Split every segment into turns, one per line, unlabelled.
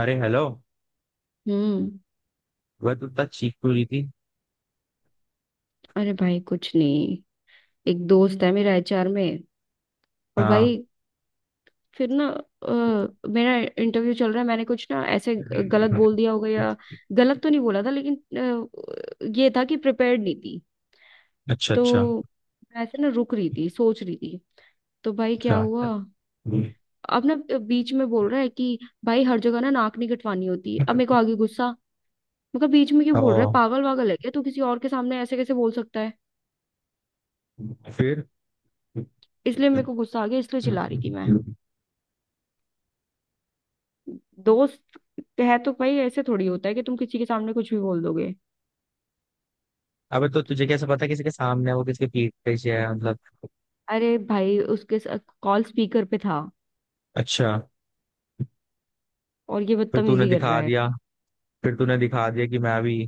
अरे हेलो।
हम्म।
वह तो इतना चीख क्यों रही थी।
अरे भाई कुछ नहीं। एक दोस्त है मेरा एचआर में। और
हाँ।
भाई फिर ना मेरा इंटरव्यू चल रहा है, मैंने कुछ ना ऐसे गलत बोल दिया होगा, या गलत तो नहीं बोला था, लेकिन ये था कि प्रिपेयर्ड नहीं थी।
अच्छा अच्छा
तो मैं ऐसे ना रुक रही थी, सोच रही थी। तो भाई क्या
अच्छा।
हुआ। अब ना बीच में बोल रहा है कि भाई हर जगह ना नाक नहीं कटवानी होती। अब मेरे को आगे गुस्सा। मैं कहा बीच में क्यों
ओ,
बोल रहा है, पागल वागल है क्या, तू किसी और के सामने ऐसे कैसे बोल सकता है।
फिर?
इसलिए मेरे को गुस्सा आ गया, इसलिए चिल्ला रही थी मैं। दोस्त है तो भाई ऐसे थोड़ी होता है कि तुम किसी के सामने कुछ भी बोल दोगे।
अबे तो तुझे कैसे पता किसी के सामने है वो किसके पीठ पीछे है मतलब?
अरे भाई उसके कॉल स्पीकर पे था,
अच्छा।
और ये
फिर तूने
बदतमीजी कर रहा
दिखा
है।
दिया फिर तूने दिखा दिया कि मैं भी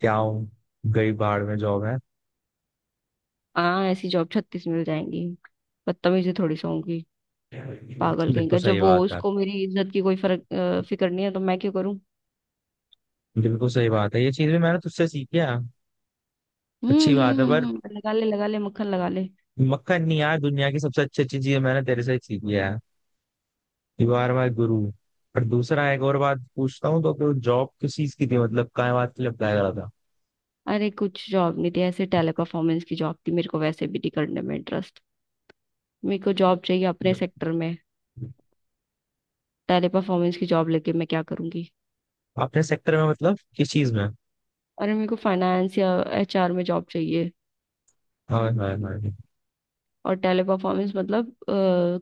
क्या हूँ। गई बाढ़ में जॉब है।
हाँ ऐसी जॉब 36 मिल जाएंगी। बदतमीजी थोड़ी सा होंगी। पागल कहीं
बिल्कुल
का,
सही
जब वो
बात है।
उसको मेरी इज्जत की कोई फर्क फिक्र नहीं है तो मैं क्यों करूं।
बिल्कुल सही बात है, ये चीज भी मैंने तुझसे सीखी है। अच्छी बात है पर
लगा ले मक्खन लगा ले।
मक्खन नहीं यार, दुनिया की सबसे अच्छी अच्छी चीज मैंने तेरे से सीखी है। You are my guru. और दूसरा एक और बात पूछता हूँ तो कि वो जॉब किस चीज की थी मतलब क्या बात के लिए अप्लाई करा था?
अरे कुछ जॉब नहीं थी, ऐसे टेले परफॉर्मेंस की जॉब थी, मेरे को वैसे भी नहीं करने में इंटरेस्ट। मेरे को जॉब चाहिए अपने सेक्टर में। टेले परफॉर्मेंस की जॉब लेके मैं क्या करूंगी।
आपने सेक्टर में मतलब किस चीज में?
अरे मेरे को फाइनेंस या एचआर में जॉब चाहिए।
हाँ हाँ हाँ।
और टेली परफॉर्मेंस मतलब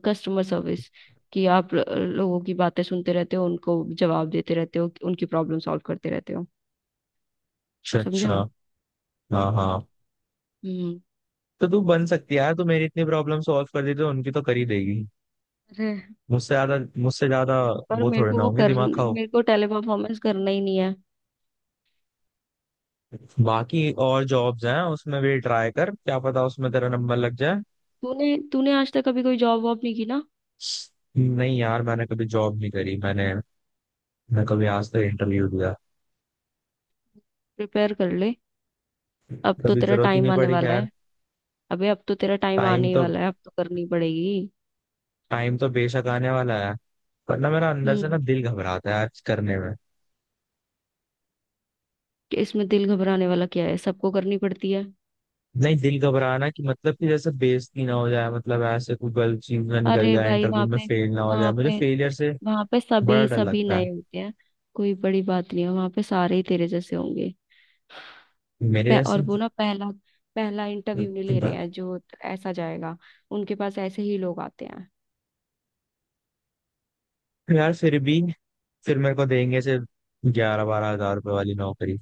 कस्टमर सर्विस। कि आप लोगों की बातें सुनते रहते हो, उनको जवाब देते रहते हो, उनकी प्रॉब्लम सॉल्व करते रहते हो।
अच्छा
समझा?
अच्छा। हाँ हाँ,
हम्म।
तो तू बन सकती है यार, तू मेरी इतनी प्रॉब्लम सॉल्व कर देती तो उनकी तो कर ही देगी।
अरे
मुझसे ज्यादा।
पर
वो थोड़े ना होंगे दिमाग खाओ।
मेरे को टेली परफॉर्मेंस करना ही नहीं है।
बाकी और जॉब्स हैं, उसमें भी ट्राई कर, क्या पता उसमें तेरा नंबर लग जाए।
तूने तूने आज तक कभी कोई जॉब वॉब नहीं की ना।
नहीं यार, मैंने कभी जॉब नहीं करी। मैंने, मैं कभी आज तक इंटरव्यू दिया।
प्रिपेयर कर ले। अब तो
कभी
तेरा
जरूरत ही
टाइम
नहीं
आने
पड़ी,
वाला
खैर।
है। अबे अब तो तेरा टाइम आने
टाइम
ही
तो,
वाला है, अब तो करनी पड़ेगी।
टाइम तो बेशक आने वाला है। पर ना, मेरा अंदर से ना
हम्म।
दिल घबराता है आज करने में।
कि इसमें दिल घबराने वाला क्या है, सबको करनी पड़ती है।
नहीं, दिल घबराना कि मतलब कि जैसे बेइज्जती ना हो जाए, मतलब ऐसे कोई गलत चीज ना निकल
अरे
जाए,
भाई
इंटरव्यू में फेल ना हो जाए,
वहाँ
मुझे
पे
फेलियर से
वहाँ पे
बड़ा
सभी
डर
सभी
लगता है।
नए होते हैं। कोई बड़ी बात नहीं है, वहाँ पे सारे ही तेरे जैसे होंगे।
मेरे
और
जैसे?
वो ना पहला पहला इंटरव्यू नहीं ले रहे हैं जो ऐसा जाएगा, उनके पास ऐसे ही लोग आते हैं।
यार फिर भी, फिर मेरे को देंगे से 11 12 हजार रुपए वाली नौकरी।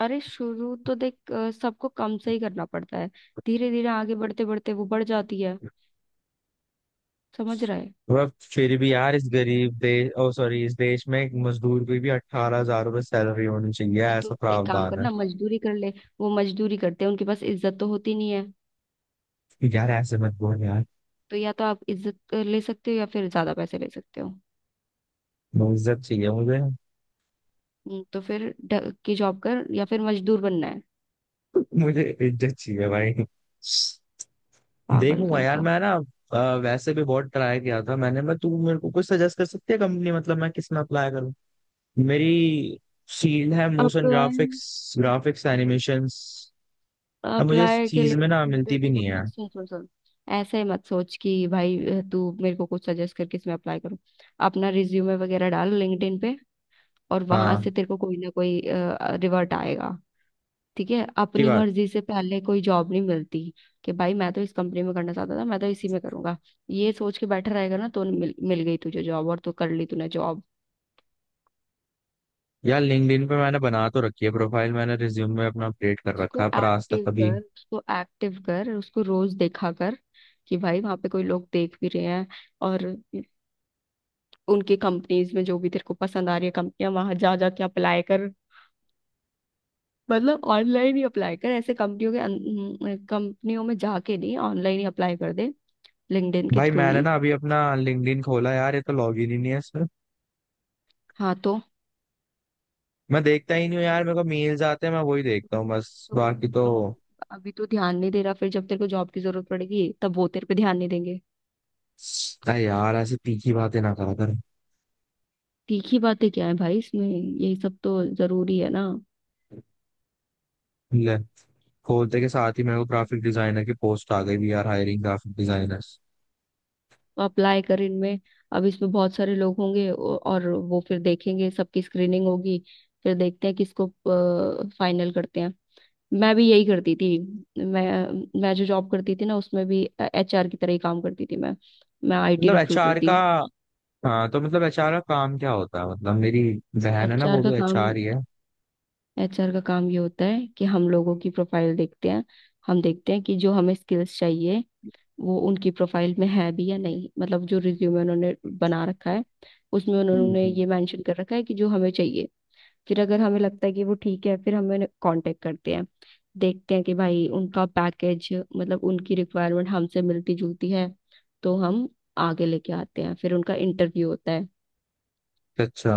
अरे शुरू तो देख, सबको कम से ही करना पड़ता है। धीरे धीरे आगे बढ़ते बढ़ते वो बढ़ जाती है। समझ रहा है?
वह, फिर भी यार इस गरीब देश, ओ सॉरी, इस देश में एक मजदूर की भी 18 हजार रुपए सैलरी होनी चाहिए,
तो तू
ऐसा
एक काम
प्रावधान है।
करना, मजदूरी कर ले। वो मजदूरी करते हैं, उनके पास इज्जत तो होती नहीं है।
यार ऐसे मत बोल यार।
तो या तो आप इज्जत ले सकते हो, या फिर ज्यादा पैसे ले सकते हो।
इज्जत चाहिए मुझे।
तो फिर की जॉब कर या फिर मजदूर बनना है।
मुझे इज्जत चाहिए भाई।
पागल
देखूंगा
कहीं
यार
का।
मैं ना, वैसे भी बहुत ट्राई किया था मैंने। मैं, तू मेरे को कुछ सजेस्ट कर सकती है कंपनी, मतलब मैं किस में अप्लाई करूँ? मेरी फील्ड है motion
apply
graphics, graphics animations. अब मुझे इस
अप्लाई के
चीज
लिए,
में ना मिलती भी
देख
नहीं है।
अपना, सुन सुन सुन। ऐसे मत सोच कि भाई तू मेरे को कुछ सजेस्ट करके इसमें अप्लाई करूँ। अपना रिज्यूमे वगैरह डाल लिंक्डइन पे, और वहां
हाँ।
से तेरे को कोई ना कोई रिवर्ट आएगा। ठीक है,
की
अपनी
बात।
मर्जी से पहले कोई जॉब नहीं मिलती। कि भाई मैं तो इस कंपनी में करना चाहता था, मैं तो इसी में करूंगा, ये सोच के बैठा रहेगा ना तो मिल गई तुझे जॉब और तू कर ली तूने जॉब।
यार लिंक्डइन पे मैंने बना तो रखी है प्रोफाइल, मैंने रिज्यूम में अपना अपडेट कर रखा
उसको
है पर आज तक
एक्टिव
कभी।
कर, उसको एक्टिव कर, उसको रोज देखा कर। कि भाई वहां पे कोई लोग देख भी रहे हैं। और उनके कंपनीज में जो भी तेरे को पसंद आ रही है कंपनियां, वहां जा जा के अप्लाई कर। मतलब ऑनलाइन ही अप्लाई कर, ऐसे कंपनियों में जाके नहीं, ऑनलाइन ही अप्लाई कर दे, लिंक्डइन के
भाई
थ्रू
मैंने
ही।
ना अभी अपना लिंक्डइन खोला यार, ये तो लॉगिन ही नहीं है इसमें।
हाँ। तो,
मैं देखता ही नहीं हूँ यार, मेरे को मेल्स आते हैं मैं वही देखता हूँ बस,
तो बोल
बाकी तो।
रही हूँ, अभी तो ध्यान नहीं दे रहा, फिर जब तेरे को जॉब की जरूरत पड़ेगी तब वो तेरे पे ध्यान नहीं देंगे।
अरे यार ऐसे तीखी बातें ना करा कर।
तीखी बातें क्या है भाई इसमें, यही सब तो जरूरी है ना।
ले, खोलते के साथ ही मेरे को ग्राफिक डिजाइनर की पोस्ट आ गई भी यार, हायरिंग ग्राफिक डिजाइनर।
अप्लाई कर इनमें। अब इसमें बहुत सारे लोग होंगे, और वो फिर देखेंगे, सबकी स्क्रीनिंग होगी, फिर देखते हैं किसको फाइनल करते हैं। मैं भी यही करती थी। मैं जो जॉब करती थी ना उसमें भी एचआर की तरह ही काम करती थी मैं। मैं आईटी
मतलब
रिक्रूटर
एचआर
थी।
का, हाँ, तो मतलब एचआर का काम क्या होता है? मतलब मेरी बहन है ना,
एचआर
वो
का
भी
काम
एचआर ही है।
एचआर का काम ये होता है कि हम लोगों की प्रोफाइल देखते हैं। हम देखते हैं कि जो हमें स्किल्स चाहिए वो उनकी प्रोफाइल में है भी या नहीं, मतलब जो रिज्यूमे उन्होंने बना रखा है उसमें
हम्म
उन्होंने
हम्म।
ये मेंशन कर रखा है कि जो हमें चाहिए। फिर अगर हमें लगता है कि वो ठीक है, फिर हमें कांटेक्ट करते हैं। देखते हैं कि भाई उनका पैकेज मतलब उनकी रिक्वायरमेंट हमसे मिलती जुलती है, तो हम आगे लेके आते हैं, फिर उनका इंटरव्यू होता है।
अच्छा,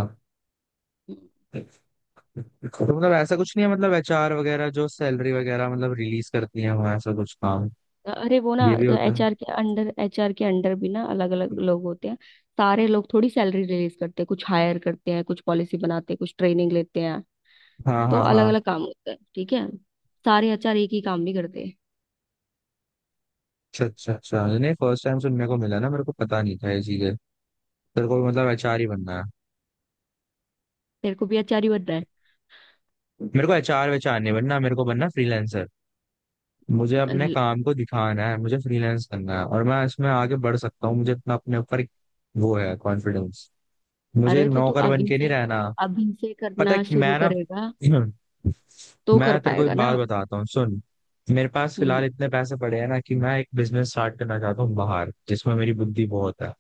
तो मतलब ऐसा कुछ नहीं है मतलब एचआर वगैरह जो सैलरी वगैरह मतलब रिलीज करती है वहाँ, ऐसा कुछ काम
अरे वो ना
ये भी होता है?
एचआर के अंडर भी ना अलग अलग लोग होते हैं। सारे लोग थोड़ी सैलरी रिलीज करते हैं, कुछ हायर करते हैं, कुछ पॉलिसी बनाते हैं, कुछ ट्रेनिंग लेते हैं।
हाँ
तो
हाँ
अलग
हाँ।
अलग काम होता है, ठीक है। सारे आचार्य एक ही काम नहीं करते।
अच्छा अच्छा अच्छा, नहीं फर्स्ट टाइम सुनने को मिला ना, मेरे को पता नहीं था ये चीजें। तेरे को मतलब एचआर ही बनना है?
तेरे को भी आचार्य बनना है?
मेरे को एचआर वेचआर नहीं बनना, मेरे को बनना फ्रीलांसर। मुझे अपने
अल-
काम को दिखाना है, मुझे फ्रीलांस करना है, और मैं इसमें आगे बढ़ सकता हूँ, मुझे इतना अपने ऊपर वो है कॉन्फिडेंस। मुझे
अरे तो तू
नौकर बन
अभी
के नहीं
से
रहना।
अभी से
पता
करना
है
शुरू
मैं ना
करेगा तो कर
मैं तेरे को
पाएगा
एक बात
ना।
बताता हूँ, सुन। मेरे पास
हम्म।
फिलहाल इतने पैसे पड़े हैं ना कि मैं एक बिजनेस स्टार्ट करना चाहता हूँ बाहर, जिसमें मेरी बुद्धि बहुत है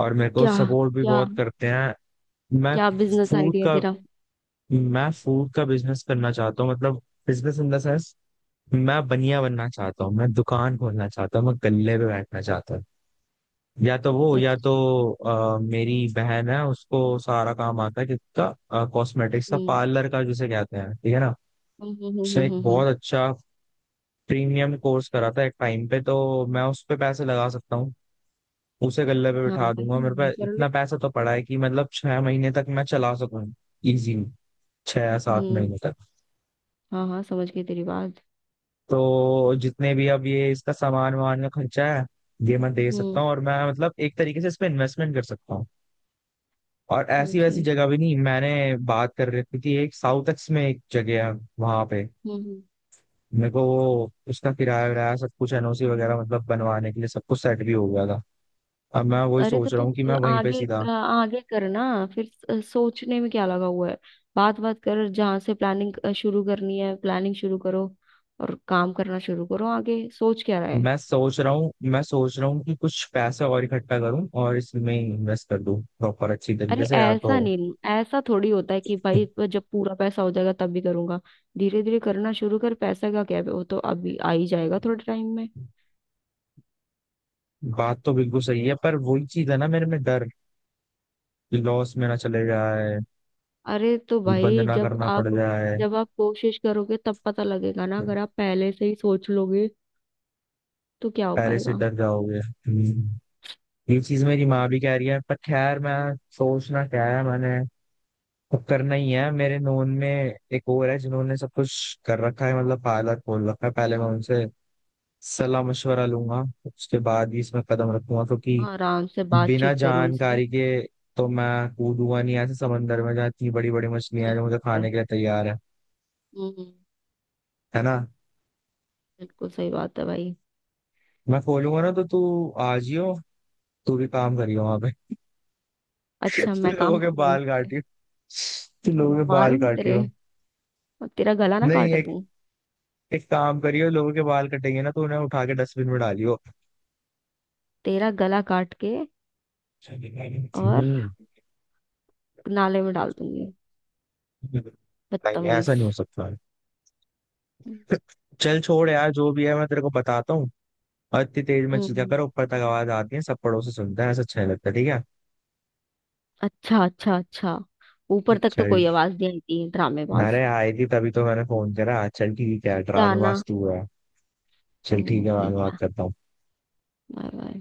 और मेरे को
क्या
सपोर्ट भी
क्या
बहुत करते हैं। मैं
क्या बिजनेस
फूड
आइडिया
का,
तेरा?
मैं फूड का बिजनेस करना चाहता हूँ, मतलब बिजनेस इन द सेंस मैं बनिया बनना चाहता हूँ, मैं दुकान खोलना चाहता हूँ, मैं गल्ले पे बैठना चाहता हूँ। या तो वो, या तो
अच्छा,
मेरी बहन है, उसको सारा काम आता है किसका, कॉस्मेटिक्स का,
हम्म
पार्लर का जिसे कहते हैं, ठीक है ना।
हम्म हम्म हम्म
उसने एक
हम्म, हम्म,
बहुत अच्छा प्रीमियम कोर्स करा था एक टाइम पे, तो मैं उस पे पैसे लगा सकता हूँ। उसे गल्ले पे
हाँ
बिठा
भाई,
दूंगा, मेरे
ये
पास
कर ले।
इतना पैसा तो पड़ा है कि मतलब 6 महीने तक मैं चला सकूँ इजीली, छह या सात
हम्म।
महीने तक।
हाँ हाँ समझ गई तेरी बात।
तो जितने भी अब ये इसका सामान वामान का खर्चा है, ये मैं दे सकता
हम्म।
हूँ और मैं मतलब एक तरीके से इस पे इन्वेस्टमेंट कर सकता हूँ। और
समझ
ऐसी वैसी
गई।
जगह भी नहीं, मैंने बात कर रखी थी, एक साउथ एक्स में एक जगह है, वहां पे
हम्म हम्म।
मेरे को वो उसका किराया विराया सब कुछ, एनओसी वगैरह मतलब बनवाने के लिए सब कुछ सेट भी हो गया था। अब मैं वही
अरे तो
सोच रहा
तुम
हूँ कि मैं वहीं पे
आगे,
सीधा,
आगे करना, फिर सोचने में क्या लगा हुआ है, बात बात कर, जहां से प्लानिंग शुरू करनी है प्लानिंग शुरू करो, और काम करना शुरू करो, आगे सोच क्या रहा है।
मैं सोच रहा हूँ, मैं सोच रहा हूँ कि कुछ पैसे और इकट्ठा करूँ और इसमें इन्वेस्ट कर दूँ प्रॉपर अच्छी तरीके
अरे
से, या तो।
ऐसा नहीं, ऐसा थोड़ी होता है कि भाई जब पूरा पैसा हो जाएगा तब भी करूंगा। धीरे धीरे करना शुरू कर, पैसा का क्या, वो तो अभी आ ही जाएगा थोड़े टाइम में।
बात तो बिल्कुल सही है पर वही चीज है ना, मेरे में डर कि लॉस मेरा चले जाए,
अरे तो
ये बंद
भाई
ना
जब
करना पड़
आप
जाए,
जब आप कोशिश करोगे तब पता लगेगा ना, अगर आप पहले से ही सोच लोगे तो क्या हो
पहले से
पाएगा।
डर जाओगे। हम्म। ये चीज मेरी माँ भी कह रही है, पर खैर, मैं सोचना क्या है मैंने, अब करना ही है। मेरे नोन में एक और है जिन्होंने सब कुछ कर रखा है, मतलब पार्लर खोल रखा है, पहले मैं उनसे सलाह मशवरा लूंगा, उसके बाद ही इसमें कदम रखूंगा, क्योंकि
आराम से
बिना
बातचीत करो उनसे।
जानकारी के तो मैं कूदूंगा नहीं ऐसे समंदर में जहाँ इतनी बड़ी बड़ी मछलियां
सही
हैं जो मुझे
बात है।
खाने के लिए तैयार है।
हम्म।
है ना।
बिल्कुल सही बात है भाई।
मैं खोलूंगा ना तो तू आ जियो, तू भी काम करियो वहां पे।
अच्छा,
तू
मैं
लोगों
काम
के
करूंगी उस
बाल
पे।
काटियो, तू
तुम
लोगों के बाल
मारूंगी तेरे,
काटियो।
और तेरा गला ना
नहीं,
काट
एक,
दूं।
एक काम करियो, लोगों के बाल कटेंगे ना तो उन्हें उठा के डस्टबिन में डालियो।
तेरा गला काट के
हम्म।
और नाले में डाल दूंगी।
नहीं ऐसा
बदतमीज।
नहीं हो सकता। चल छोड़ यार, जो भी है मैं तेरे को बताता हूँ। और इतनी तेज में चीजें
हम्म।
करो, ऊपर तक आवाज आती है, सब पड़ोसी सुनते हैं, ऐसा अच्छा नहीं लगता, ठीक है?
अच्छा अच्छा अच्छा, ऊपर तक तो
चल।
कोई आवाज नहीं आई थी ड्रामेबाज।
अरे आई थी तभी तो मैंने फोन करा, चल ठीक है,
क्या ना।
ड्रामेबाज तू है। चल ठीक
हम्म,
है, बाद में
ठीक
बात
है।
करता हूँ।
Bye bye.